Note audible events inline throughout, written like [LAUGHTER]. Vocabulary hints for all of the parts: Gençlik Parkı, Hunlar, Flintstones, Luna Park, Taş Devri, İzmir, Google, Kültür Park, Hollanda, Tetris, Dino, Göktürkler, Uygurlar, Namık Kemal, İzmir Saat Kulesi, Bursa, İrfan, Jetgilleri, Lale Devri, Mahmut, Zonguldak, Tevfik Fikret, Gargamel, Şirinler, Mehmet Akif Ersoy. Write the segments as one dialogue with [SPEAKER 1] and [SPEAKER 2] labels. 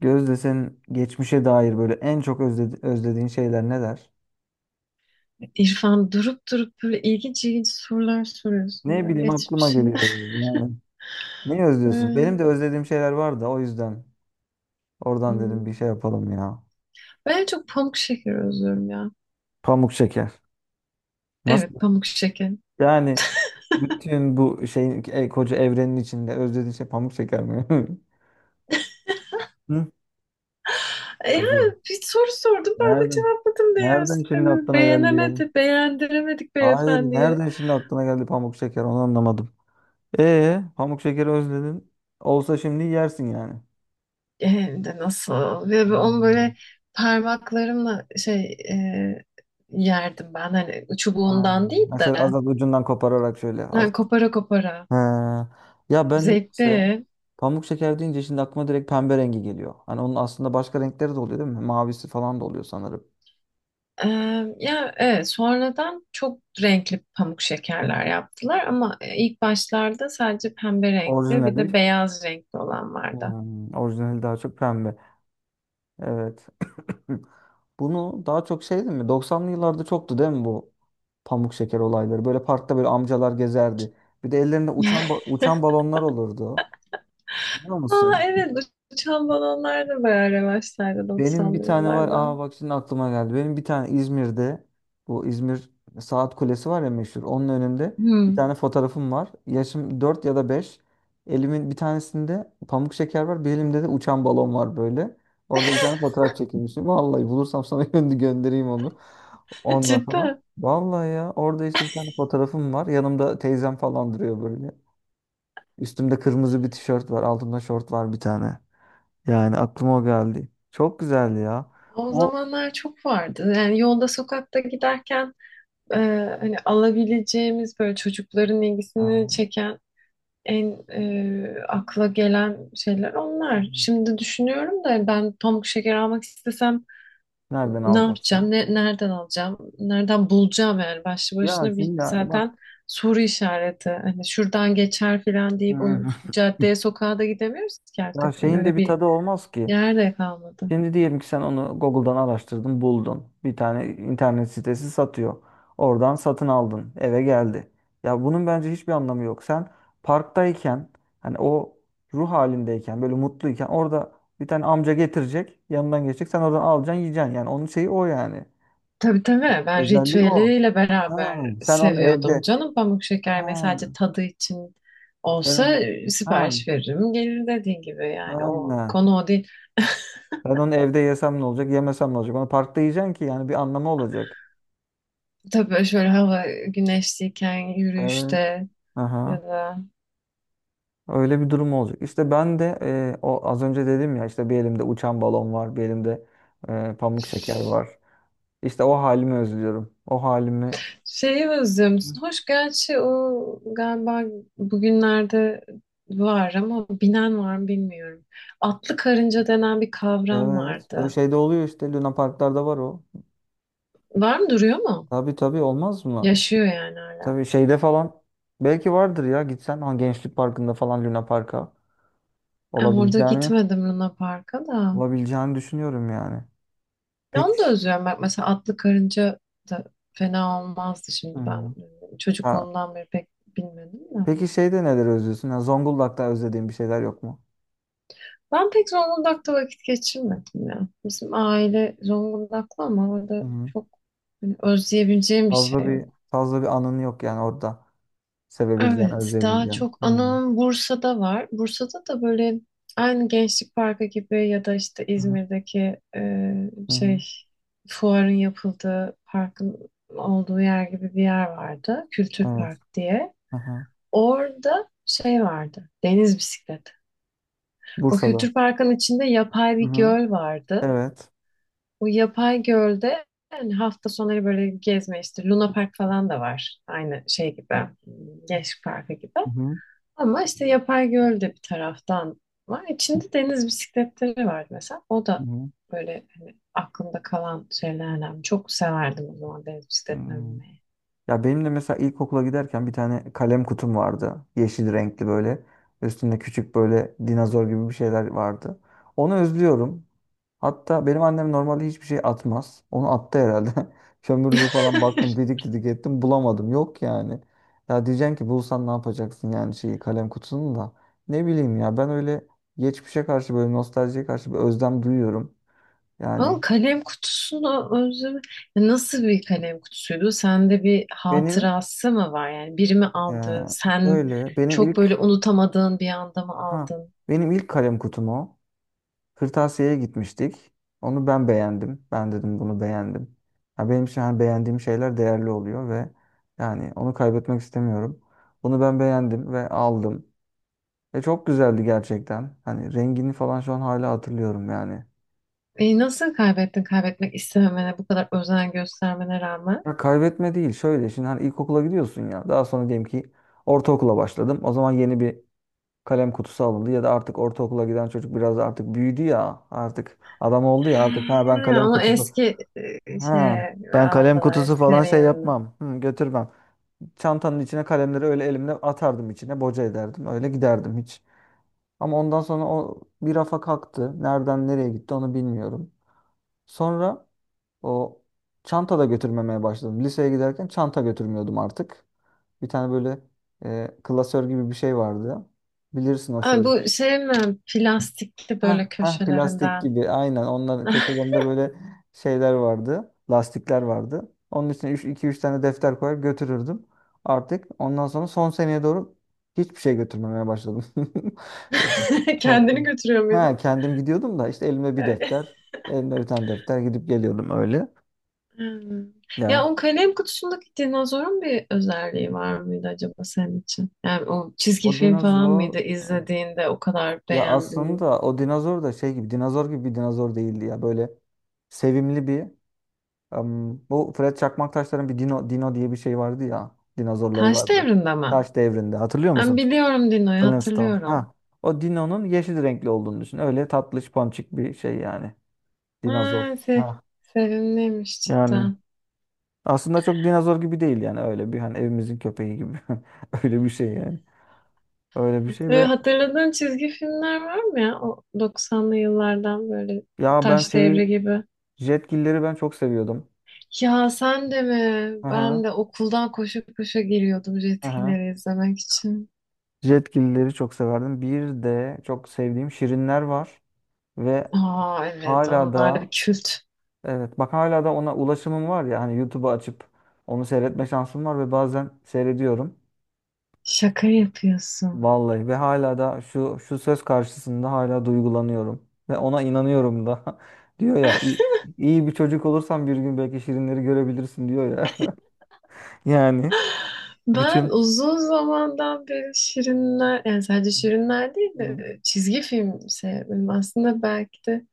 [SPEAKER 1] Gözde senin geçmişe dair böyle en çok özlediğin şeyler neler?
[SPEAKER 2] İrfan, durup durup böyle ilginç ilginç sorular soruyorsun
[SPEAKER 1] Ne
[SPEAKER 2] ya
[SPEAKER 1] bileyim aklıma
[SPEAKER 2] geçmişe.
[SPEAKER 1] geliyor
[SPEAKER 2] [LAUGHS]
[SPEAKER 1] yani. Yani ne özlüyorsun? Benim de
[SPEAKER 2] Ee,
[SPEAKER 1] özlediğim şeyler var da o yüzden oradan dedim bir şey
[SPEAKER 2] hmm.
[SPEAKER 1] yapalım ya.
[SPEAKER 2] Ben en çok pamuk şeker özlüyorum ya.
[SPEAKER 1] Pamuk şeker. Nasıl?
[SPEAKER 2] Evet, pamuk şeker.
[SPEAKER 1] Yani bütün bu şeyin koca evrenin içinde özlediğin şey pamuk şeker mi? [LAUGHS] Hı?
[SPEAKER 2] Ya
[SPEAKER 1] Tabii.
[SPEAKER 2] bir soru sordum, ben de
[SPEAKER 1] Nereden?
[SPEAKER 2] cevapladım diye
[SPEAKER 1] Nereden şimdi
[SPEAKER 2] sistemi.
[SPEAKER 1] aklına geldi ya?
[SPEAKER 2] Beğenemedi, beğendiremedik
[SPEAKER 1] Hayır,
[SPEAKER 2] beyefendiye.
[SPEAKER 1] nereden şimdi aklına geldi pamuk şeker? Onu anlamadım. Pamuk şekeri özledin. Olsa şimdi yersin yani.
[SPEAKER 2] E, hem de nasıl? Ve onu
[SPEAKER 1] Hmm.
[SPEAKER 2] böyle parmaklarımla e, yerdim ben. Hani
[SPEAKER 1] Aa,
[SPEAKER 2] çubuğundan değil
[SPEAKER 1] mesela az
[SPEAKER 2] de.
[SPEAKER 1] ucundan kopararak şöyle az.
[SPEAKER 2] Yani kopara kopara.
[SPEAKER 1] He. Ya ben niyeyse
[SPEAKER 2] Zevkli.
[SPEAKER 1] pamuk şeker deyince şimdi aklıma direkt pembe rengi geliyor. Hani onun aslında başka renkleri de oluyor değil mi? Mavisi falan da oluyor sanırım.
[SPEAKER 2] Ee, ya evet, sonradan çok renkli pamuk şekerler yaptılar ama ilk başlarda sadece pembe renkli bir de
[SPEAKER 1] Orijinali.
[SPEAKER 2] beyaz renkli olan vardı.
[SPEAKER 1] Hmm, orijinali daha çok pembe. Evet. [COUGHS] [CLEARS THROAT] Bunu daha çok şey değil mi? Doksanlı yıllarda çoktu değil mi bu pamuk şeker olayları? Böyle parkta böyle amcalar gezerdi. Bir de ellerinde
[SPEAKER 2] [LAUGHS]
[SPEAKER 1] uçan balonlar olurdu. Biliyor
[SPEAKER 2] Aa
[SPEAKER 1] musun?
[SPEAKER 2] evet, uçan balonlar da bayağı revaçtaydı
[SPEAKER 1] Benim bir
[SPEAKER 2] doksanlı
[SPEAKER 1] tane var.
[SPEAKER 2] yıllarda.
[SPEAKER 1] Aa bak şimdi aklıma geldi. Benim bir tane İzmir'de, bu İzmir Saat Kulesi var ya meşhur. Onun önünde bir
[SPEAKER 2] Hmm.
[SPEAKER 1] tane fotoğrafım var. Yaşım 4 ya da 5. Elimin bir tanesinde pamuk şeker var. Bir elimde de uçan balon var böyle. Orada bir tane
[SPEAKER 2] [LAUGHS]
[SPEAKER 1] fotoğraf çekilmişim. Vallahi bulursam sana [LAUGHS] göndereyim onu. Ondan sonra.
[SPEAKER 2] Cidden.
[SPEAKER 1] Vallahi ya orada işte bir tane fotoğrafım var. Yanımda teyzem falan duruyor böyle. Üstümde kırmızı bir tişört var. Altımda şort var bir tane. Yani aklıma o geldi. Çok güzeldi ya.
[SPEAKER 2] O
[SPEAKER 1] O
[SPEAKER 2] zamanlar çok vardı. Yani yolda sokakta giderken e, hani alabileceğimiz böyle çocukların ilgisini
[SPEAKER 1] e,
[SPEAKER 2] çeken, en akla gelen şeyler onlar. Şimdi düşünüyorum da ben pamuk şeker almak istesem
[SPEAKER 1] nereden
[SPEAKER 2] ne
[SPEAKER 1] alacaksın?
[SPEAKER 2] yapacağım? Ne, nereden alacağım? Nereden bulacağım yani? Başlı
[SPEAKER 1] Ya
[SPEAKER 2] başına bir
[SPEAKER 1] şimdi yani bak,
[SPEAKER 2] zaten soru işareti. Hani şuradan geçer filan deyip o
[SPEAKER 1] e,
[SPEAKER 2] caddeye sokağa da gidemiyoruz ki
[SPEAKER 1] [LAUGHS] ya
[SPEAKER 2] artık. Hani
[SPEAKER 1] şeyin de
[SPEAKER 2] öyle
[SPEAKER 1] bir
[SPEAKER 2] bir
[SPEAKER 1] tadı olmaz ki.
[SPEAKER 2] yer de kalmadı.
[SPEAKER 1] Şimdi diyelim ki sen onu Google'dan araştırdın, buldun. Bir tane internet sitesi satıyor. Oradan satın aldın, eve geldi. Ya bunun bence hiçbir anlamı yok. Sen parktayken hani o ruh halindeyken böyle mutluyken orada bir tane amca getirecek, yanından geçecek. Sen oradan alacaksın, yiyeceksin. Yani onun şeyi o yani.
[SPEAKER 2] Tabii tabii, ben
[SPEAKER 1] Özelliği o.
[SPEAKER 2] ritüeliyle
[SPEAKER 1] Ha,
[SPEAKER 2] beraber
[SPEAKER 1] sen onu
[SPEAKER 2] seviyordum
[SPEAKER 1] evde.
[SPEAKER 2] canım. Pamuk şeker
[SPEAKER 1] Ha,
[SPEAKER 2] mesela sadece tadı için olsa,
[SPEAKER 1] senin. Ha,
[SPEAKER 2] sipariş veririm gelir dediğin gibi, yani o
[SPEAKER 1] aynen.
[SPEAKER 2] konu o değil.
[SPEAKER 1] Ben onu evde yesem ne olacak, yemesem ne olacak? Onu parkta yiyeceksin ki yani bir anlamı olacak.
[SPEAKER 2] Tabii böyle şöyle hava güneşliyken
[SPEAKER 1] Evet.
[SPEAKER 2] yürüyüşte
[SPEAKER 1] Aha.
[SPEAKER 2] ya da
[SPEAKER 1] Öyle bir durum olacak. İşte ben de o az önce dedim ya işte bir elimde uçan balon var, bir elimde pamuk şeker var. İşte o halimi özlüyorum. O halimi.
[SPEAKER 2] şeyi özlüyor musun? Hoş gerçi o galiba bugünlerde var ama binen var mı bilmiyorum. Atlı karınca denen bir kavram
[SPEAKER 1] Evet. O
[SPEAKER 2] vardı.
[SPEAKER 1] şeyde oluyor işte Luna Parklarda var o.
[SPEAKER 2] Var mı, duruyor mu?
[SPEAKER 1] Tabii tabii olmaz mı?
[SPEAKER 2] Yaşıyor yani hala.
[SPEAKER 1] Tabii şeyde falan belki vardır ya gitsen, ha, Gençlik Parkı'nda falan Luna Park'a.
[SPEAKER 2] E, orada
[SPEAKER 1] Olabileceğini,
[SPEAKER 2] gitmedim Luna Park'a da.
[SPEAKER 1] olabileceğini düşünüyorum yani.
[SPEAKER 2] Ya
[SPEAKER 1] Peki,
[SPEAKER 2] onu da özlüyorum. Bak mesela atlı karınca da fena olmazdı şimdi ben.
[SPEAKER 1] hmm. Ha,
[SPEAKER 2] Çocukluğumdan beri pek bilmedim de.
[SPEAKER 1] peki şeyde neler özlüyorsun? Ya Zonguldak'ta özlediğin bir şeyler yok mu?
[SPEAKER 2] Ben pek Zonguldak'ta vakit geçirmedim ya. Bizim aile Zonguldaklı ama orada
[SPEAKER 1] Hı.
[SPEAKER 2] çok hani özleyebileceğim bir
[SPEAKER 1] Fazla
[SPEAKER 2] şey.
[SPEAKER 1] bir fazla bir anın yok yani orada sevebileceğin,
[SPEAKER 2] Evet, daha
[SPEAKER 1] özleyebileceğin.
[SPEAKER 2] çok
[SPEAKER 1] Hmm.
[SPEAKER 2] anım Bursa'da var. Bursa'da da böyle aynı Gençlik Parkı gibi ya da işte
[SPEAKER 1] Hı hı.
[SPEAKER 2] İzmir'deki
[SPEAKER 1] Hı hı.
[SPEAKER 2] şey fuarın yapıldığı parkın olduğu yer gibi bir yer vardı. Kültür
[SPEAKER 1] Evet.
[SPEAKER 2] Park diye.
[SPEAKER 1] Aha.
[SPEAKER 2] Orada şey vardı. Deniz bisikleti. O
[SPEAKER 1] Bursa'da.
[SPEAKER 2] Kültür Park'ın içinde yapay
[SPEAKER 1] Hı
[SPEAKER 2] bir
[SPEAKER 1] hı.
[SPEAKER 2] göl vardı.
[SPEAKER 1] Evet.
[SPEAKER 2] O yapay gölde yani hafta sonları böyle gezme, işte Luna Park falan da var. Aynı şey gibi. Gençlik Parkı gibi.
[SPEAKER 1] Hı hı.
[SPEAKER 2] Ama işte yapay göl de bir taraftan var. İçinde deniz bisikletleri vardı mesela. O
[SPEAKER 1] Hı
[SPEAKER 2] da
[SPEAKER 1] hı.
[SPEAKER 2] böyle hani aklımda kalan şeylerden. Çok severdim o zaman deniz bisikletine
[SPEAKER 1] Hmm.
[SPEAKER 2] binmeyi.
[SPEAKER 1] Ya benim de mesela ilkokula giderken bir tane kalem kutum vardı. Yeşil renkli böyle. Üstünde küçük böyle dinozor gibi bir şeyler vardı. Onu özlüyorum. Hatta benim annem normalde hiçbir şey atmaz. Onu attı herhalde. [LAUGHS] Kömürlüğü falan baktım,
[SPEAKER 2] [LAUGHS]
[SPEAKER 1] didik didik ettim, bulamadım. Yok yani. Ya diyeceksin ki bulsan ne yapacaksın yani şeyi, kalem kutusunu da. Ne bileyim ya, ben öyle geçmişe karşı, böyle nostaljiye karşı bir özlem duyuyorum.
[SPEAKER 2] Ama
[SPEAKER 1] Yani
[SPEAKER 2] kalem kutusunu özlemi. Ya nasıl bir kalem kutusuydu? Sende bir
[SPEAKER 1] benim
[SPEAKER 2] hatırası mı var? Yani biri mi aldı? Sen
[SPEAKER 1] şöyle benim
[SPEAKER 2] çok
[SPEAKER 1] ilk
[SPEAKER 2] böyle unutamadığın bir anda mı
[SPEAKER 1] ha
[SPEAKER 2] aldın?
[SPEAKER 1] benim ilk kalem kutum o. Kırtasiye'ye gitmiştik. Onu ben beğendim. Ben dedim bunu beğendim. Ya benim için hani beğendiğim şeyler değerli oluyor ve yani onu kaybetmek istemiyorum. Bunu ben beğendim ve aldım. Ve çok güzeldi gerçekten. Hani rengini falan şu an hala hatırlıyorum yani.
[SPEAKER 2] E, nasıl kaybettin kaybetmek istememene bu kadar özen göstermene rağmen?
[SPEAKER 1] Ya kaybetme değil, şöyle şimdi hani ilkokula gidiyorsun ya. Daha sonra diyelim ki ortaokula başladım. O zaman yeni bir kalem kutusu alındı ya da artık ortaokula giden çocuk biraz artık büyüdü ya. Artık adam oldu ya artık.
[SPEAKER 2] Ha, onu eski e,
[SPEAKER 1] Ha,
[SPEAKER 2] şeye
[SPEAKER 1] ben kalem
[SPEAKER 2] aldılar,
[SPEAKER 1] kutusu falan
[SPEAKER 2] eskilerin
[SPEAKER 1] şey
[SPEAKER 2] yanına.
[SPEAKER 1] yapmam. Hı, götürmem. Çantanın içine kalemleri öyle elimle atardım içine, boca ederdim. Öyle giderdim hiç. Ama ondan sonra o bir rafa kalktı. Nereden nereye gitti onu bilmiyorum. Sonra o çanta da götürmemeye başladım. Liseye giderken çanta götürmüyordum artık. Bir tane böyle klasör gibi bir şey vardı. Bilirsin o
[SPEAKER 2] Ay,
[SPEAKER 1] şey.
[SPEAKER 2] bu şey mi? Plastikli
[SPEAKER 1] Heh,
[SPEAKER 2] böyle
[SPEAKER 1] heh, plastik
[SPEAKER 2] köşelerinden.
[SPEAKER 1] gibi aynen, onların köşelerinde böyle şeyler vardı. Lastikler vardı. Onun için iki üç tane defter koyar götürürdüm. Artık ondan sonra son seneye doğru hiçbir şey götürmemeye başladım. [LAUGHS] Yani,
[SPEAKER 2] [LAUGHS] Kendini götürüyor
[SPEAKER 1] he, he,
[SPEAKER 2] muydun?
[SPEAKER 1] kendim gidiyordum da işte, elime bir defter,
[SPEAKER 2] [LAUGHS]
[SPEAKER 1] elimde bir tane defter, gidip geliyordum öyle.
[SPEAKER 2] Hmm. Ya
[SPEAKER 1] Yani
[SPEAKER 2] o kalem kutusundaki dinozorun bir özelliği var mıydı acaba senin için? Yani o çizgi
[SPEAKER 1] o
[SPEAKER 2] film falan mıydı
[SPEAKER 1] dinozor,
[SPEAKER 2] izlediğinde o kadar
[SPEAKER 1] ya
[SPEAKER 2] beğendin?
[SPEAKER 1] aslında o dinozor da şey gibi, dinozor gibi bir dinozor değildi ya, böyle sevimli bir. Bu Fred Çakmaktaşların bir Dino, Dino diye bir şey vardı ya. Dinozorları
[SPEAKER 2] Taş
[SPEAKER 1] vardı.
[SPEAKER 2] Devri'nde mi?
[SPEAKER 1] Taş devrinde. Hatırlıyor
[SPEAKER 2] Ben
[SPEAKER 1] musun?
[SPEAKER 2] biliyorum, Dino'yu
[SPEAKER 1] Flintstones.
[SPEAKER 2] hatırlıyorum.
[SPEAKER 1] Ha. O Dino'nun yeşil renkli olduğunu düşün. Öyle tatlış ponçik bir şey yani. Dinozor.
[SPEAKER 2] Ha, se
[SPEAKER 1] Ha.
[SPEAKER 2] Sevimliymiş
[SPEAKER 1] Yani
[SPEAKER 2] cidden.
[SPEAKER 1] aslında çok dinozor gibi değil yani, öyle bir hani evimizin köpeği gibi. [LAUGHS] Öyle bir şey yani. Öyle bir şey
[SPEAKER 2] Böyle
[SPEAKER 1] ve
[SPEAKER 2] hatırladığın çizgi filmler var mı ya? O 90'lı yıllardan böyle
[SPEAKER 1] ya ben
[SPEAKER 2] Taş Devri
[SPEAKER 1] şeyi,
[SPEAKER 2] gibi.
[SPEAKER 1] jetgilleri ben çok seviyordum.
[SPEAKER 2] Ya sen de mi? Ben
[SPEAKER 1] Aha.
[SPEAKER 2] de okuldan koşa koşa geliyordum
[SPEAKER 1] Aha.
[SPEAKER 2] Jetgilleri izlemek için.
[SPEAKER 1] Jetgilleri çok severdim. Bir de çok sevdiğim şirinler var ve.
[SPEAKER 2] Aa evet,
[SPEAKER 1] Hala
[SPEAKER 2] onlar da bir
[SPEAKER 1] da
[SPEAKER 2] kült.
[SPEAKER 1] Evet, bak hala da ona ulaşımım var ya, hani YouTube'u açıp onu seyretme şansım var ve bazen seyrediyorum.
[SPEAKER 2] Şaka yapıyorsun.
[SPEAKER 1] Vallahi, ve hala da şu şu söz karşısında hala duygulanıyorum ve ona inanıyorum da. [LAUGHS] Diyor ya, iyi, iyi bir çocuk olursan bir gün belki şirinleri görebilirsin diyor ya. [LAUGHS] Yani
[SPEAKER 2] Ben
[SPEAKER 1] bütün.
[SPEAKER 2] uzun zamandan beri Şirinler, yani sadece Şirinler değil
[SPEAKER 1] Hı
[SPEAKER 2] de
[SPEAKER 1] hı.
[SPEAKER 2] çizgi film sevdim. Aslında belki de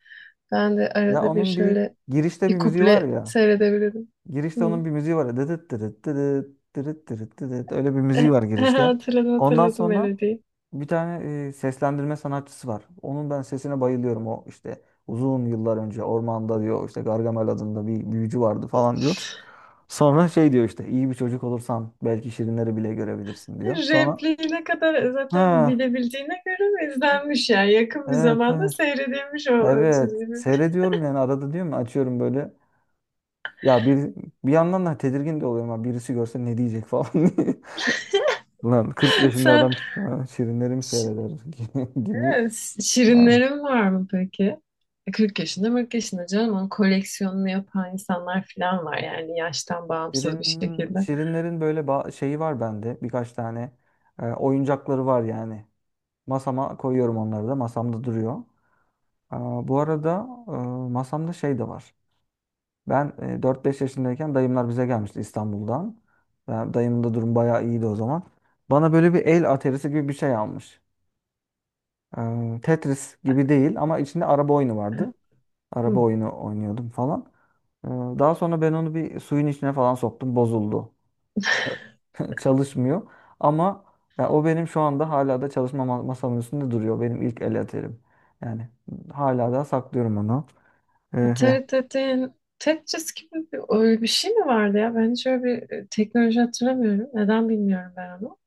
[SPEAKER 2] ben de
[SPEAKER 1] Ya
[SPEAKER 2] arada bir
[SPEAKER 1] onun bir,
[SPEAKER 2] şöyle
[SPEAKER 1] girişte bir
[SPEAKER 2] bir
[SPEAKER 1] müziği var
[SPEAKER 2] kuple
[SPEAKER 1] ya.
[SPEAKER 2] seyredebilirim. Hı.
[SPEAKER 1] Girişte onun bir müziği var. Ya, Dıdıt dırıt dıdıt dırıt dırıt dıdıt. Öyle bir müziği
[SPEAKER 2] E,
[SPEAKER 1] var
[SPEAKER 2] [LAUGHS]
[SPEAKER 1] girişte.
[SPEAKER 2] hatırladım
[SPEAKER 1] Ondan
[SPEAKER 2] hatırladım
[SPEAKER 1] sonra
[SPEAKER 2] melodiyi.
[SPEAKER 1] bir tane seslendirme sanatçısı var. Onun ben sesine bayılıyorum. O işte uzun yıllar önce ormanda diyor, işte Gargamel adında bir büyücü vardı falan diyor. Sonra şey diyor, işte iyi bir çocuk olursan belki şirinleri bile görebilirsin diyor. Sonra
[SPEAKER 2] Repliği ne kadar
[SPEAKER 1] ha,
[SPEAKER 2] zaten bilebildiğine göre izlenmiş ya. Yakın bir
[SPEAKER 1] evet
[SPEAKER 2] zamanda
[SPEAKER 1] evet
[SPEAKER 2] seyredilmiş o
[SPEAKER 1] evet,
[SPEAKER 2] çizginin.
[SPEAKER 1] seyrediyorum yani arada, diyorum ya, açıyorum böyle. Ya bir yandan da tedirgin de oluyorum. Ha, birisi görse ne diyecek falan. [LAUGHS] Lan 40
[SPEAKER 2] [LAUGHS]
[SPEAKER 1] yaşında
[SPEAKER 2] Sen
[SPEAKER 1] adam ha, şirinleri mi
[SPEAKER 2] şi-
[SPEAKER 1] seyreder [LAUGHS] gibi.
[SPEAKER 2] evet,
[SPEAKER 1] Ha.
[SPEAKER 2] şirinlerin var mı peki? E, 40 yaşında 40 yaşında canım, onun koleksiyonunu yapan insanlar falan var yani yaştan bağımsız bir şekilde.
[SPEAKER 1] Şirinlerin böyle şeyi var bende. Birkaç tane oyuncakları var yani. Masama koyuyorum onları da. Masamda duruyor. Aa, bu arada masamda şey de var. Ben 4-5 yaşındayken dayımlar bize gelmişti İstanbul'dan. Ben, dayımın da durum bayağı iyiydi o zaman. Bana böyle bir el aterisi gibi bir şey almış. Tetris gibi değil ama içinde araba oyunu vardı. Araba
[SPEAKER 2] Hı.
[SPEAKER 1] oyunu oynuyordum falan. Daha sonra ben onu bir suyun içine falan soktum. Bozuldu. [LAUGHS] Çalışmıyor. Ama ya o benim şu anda hala da çalışma masamın üstünde duruyor. Benim ilk el aterim. Yani hala da saklıyorum onu. Ee,
[SPEAKER 2] Atari dediğin Tetris gibi bir, öyle bir şey mi vardı ya? Ben hiç öyle bir teknoloji hatırlamıyorum. Neden bilmiyorum ben onu.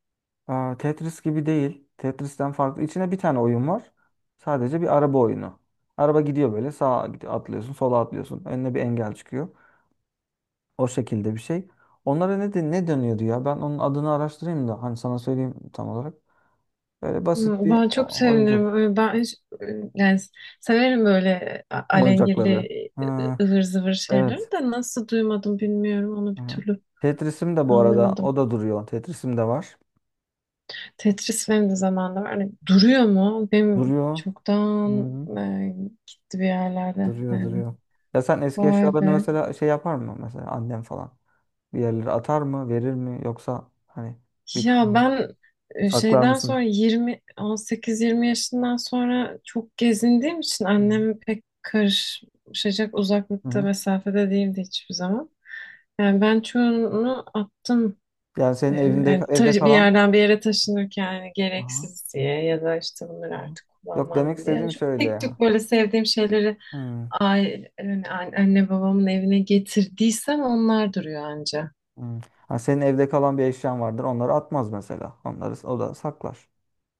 [SPEAKER 1] Aa, Tetris gibi değil. Tetris'ten farklı. İçine bir tane oyun var. Sadece bir araba oyunu. Araba gidiyor böyle, sağa gidiyor, atlıyorsun, sola atlıyorsun. Önüne bir engel çıkıyor. O şekilde bir şey. Onlara ne, de, ne dönüyordu ya? Ben onun adını araştırayım da hani sana söyleyeyim tam olarak. Böyle basit
[SPEAKER 2] Hmm,
[SPEAKER 1] bir
[SPEAKER 2] ben çok
[SPEAKER 1] oyuncak.
[SPEAKER 2] sevinirim. Ben yani severim böyle alengirli
[SPEAKER 1] Oyuncakları. Ha,
[SPEAKER 2] ıvır zıvır şeyleri
[SPEAKER 1] evet.
[SPEAKER 2] de nasıl duymadım bilmiyorum. Onu bir
[SPEAKER 1] Hı.
[SPEAKER 2] türlü
[SPEAKER 1] Tetris'im de bu arada
[SPEAKER 2] anlamadım.
[SPEAKER 1] o da duruyor. Tetris'im de var.
[SPEAKER 2] Tetris benim de zamanında var. Hani duruyor mu? Benim
[SPEAKER 1] Duruyor.
[SPEAKER 2] çoktan
[SPEAKER 1] Hı.
[SPEAKER 2] e, gitti bir yerlerde
[SPEAKER 1] Duruyor
[SPEAKER 2] yani.
[SPEAKER 1] duruyor. Ya sen eski
[SPEAKER 2] Vay
[SPEAKER 1] eşyalarını
[SPEAKER 2] be.
[SPEAKER 1] mesela şey yapar mı? Mesela annem falan. Bir yerlere atar mı? Verir mi? Yoksa hani bir
[SPEAKER 2] Ya
[SPEAKER 1] kısmını
[SPEAKER 2] ben
[SPEAKER 1] saklar
[SPEAKER 2] şeyden sonra
[SPEAKER 1] mısın?
[SPEAKER 2] 18-20 yaşından sonra çok gezindiğim için
[SPEAKER 1] Hı hı.
[SPEAKER 2] annem pek karışacak
[SPEAKER 1] Hı
[SPEAKER 2] uzaklıkta
[SPEAKER 1] hı.
[SPEAKER 2] mesafede değildi hiçbir zaman. Yani ben çoğunu attım.
[SPEAKER 1] Yani senin evinde,
[SPEAKER 2] Yani
[SPEAKER 1] evde
[SPEAKER 2] bir
[SPEAKER 1] kalan.
[SPEAKER 2] yerden bir yere taşınırken yani
[SPEAKER 1] Aha,
[SPEAKER 2] gereksiz diye ya da işte bunları
[SPEAKER 1] aha.
[SPEAKER 2] artık
[SPEAKER 1] Yok,
[SPEAKER 2] kullanmam
[SPEAKER 1] demek
[SPEAKER 2] diye. Yani
[SPEAKER 1] istediğim
[SPEAKER 2] çok tek
[SPEAKER 1] şöyle.
[SPEAKER 2] tük böyle sevdiğim şeyleri
[SPEAKER 1] Hmm,
[SPEAKER 2] aile, yani anne babamın evine getirdiysem onlar duruyor anca.
[SPEAKER 1] hmm. Ha, senin evde kalan bir eşyan vardır. Onları atmaz mesela. Onları o da saklar.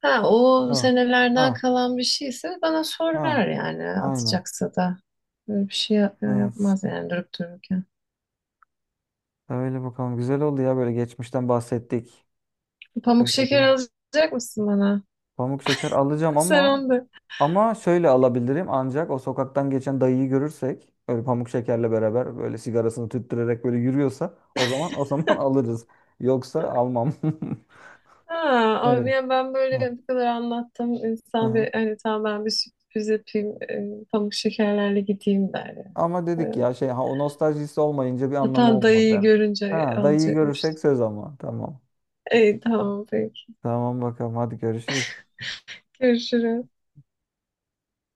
[SPEAKER 2] Ha, o
[SPEAKER 1] Ha,
[SPEAKER 2] senelerden
[SPEAKER 1] ha,
[SPEAKER 2] kalan bir şeyse bana
[SPEAKER 1] ha.
[SPEAKER 2] sorar yani
[SPEAKER 1] Aynen.
[SPEAKER 2] atacaksa da. Böyle bir şey
[SPEAKER 1] Evet.
[SPEAKER 2] yapmaz yani durup dururken.
[SPEAKER 1] Öyle bakalım. Güzel oldu ya böyle geçmişten bahsettik.
[SPEAKER 2] Pamuk
[SPEAKER 1] Öyle bir
[SPEAKER 2] şeker alacak mısın bana?
[SPEAKER 1] pamuk şeker
[SPEAKER 2] [LAUGHS]
[SPEAKER 1] alacağım
[SPEAKER 2] Sen
[SPEAKER 1] ama,
[SPEAKER 2] onu da.
[SPEAKER 1] ama şöyle alabilirim ancak, o sokaktan geçen dayıyı görürsek böyle pamuk şekerle beraber böyle sigarasını tüttürerek böyle yürüyorsa, o zaman o zaman [LAUGHS] alırız. Yoksa almam. [LAUGHS]
[SPEAKER 2] Ha, abi
[SPEAKER 1] Evet.
[SPEAKER 2] ya ben böyle bu kadar anlattım.
[SPEAKER 1] Hı
[SPEAKER 2] İnsan
[SPEAKER 1] hı.
[SPEAKER 2] bir hani tamam ben bir sürpriz yapayım. Pamuk şekerlerle gideyim der ya.
[SPEAKER 1] Ama
[SPEAKER 2] E,
[SPEAKER 1] dedik ya şey, ha, o nostaljisi olmayınca bir anlamı
[SPEAKER 2] zaten dayıyı
[SPEAKER 1] olmadı.
[SPEAKER 2] görünce
[SPEAKER 1] Ha, dayıyı
[SPEAKER 2] alacakmış.
[SPEAKER 1] görürsek, söz ama. Tamam.
[SPEAKER 2] İyi tamam, peki.
[SPEAKER 1] Tamam bakalım, hadi görüşürüz.
[SPEAKER 2] Görüşürüz.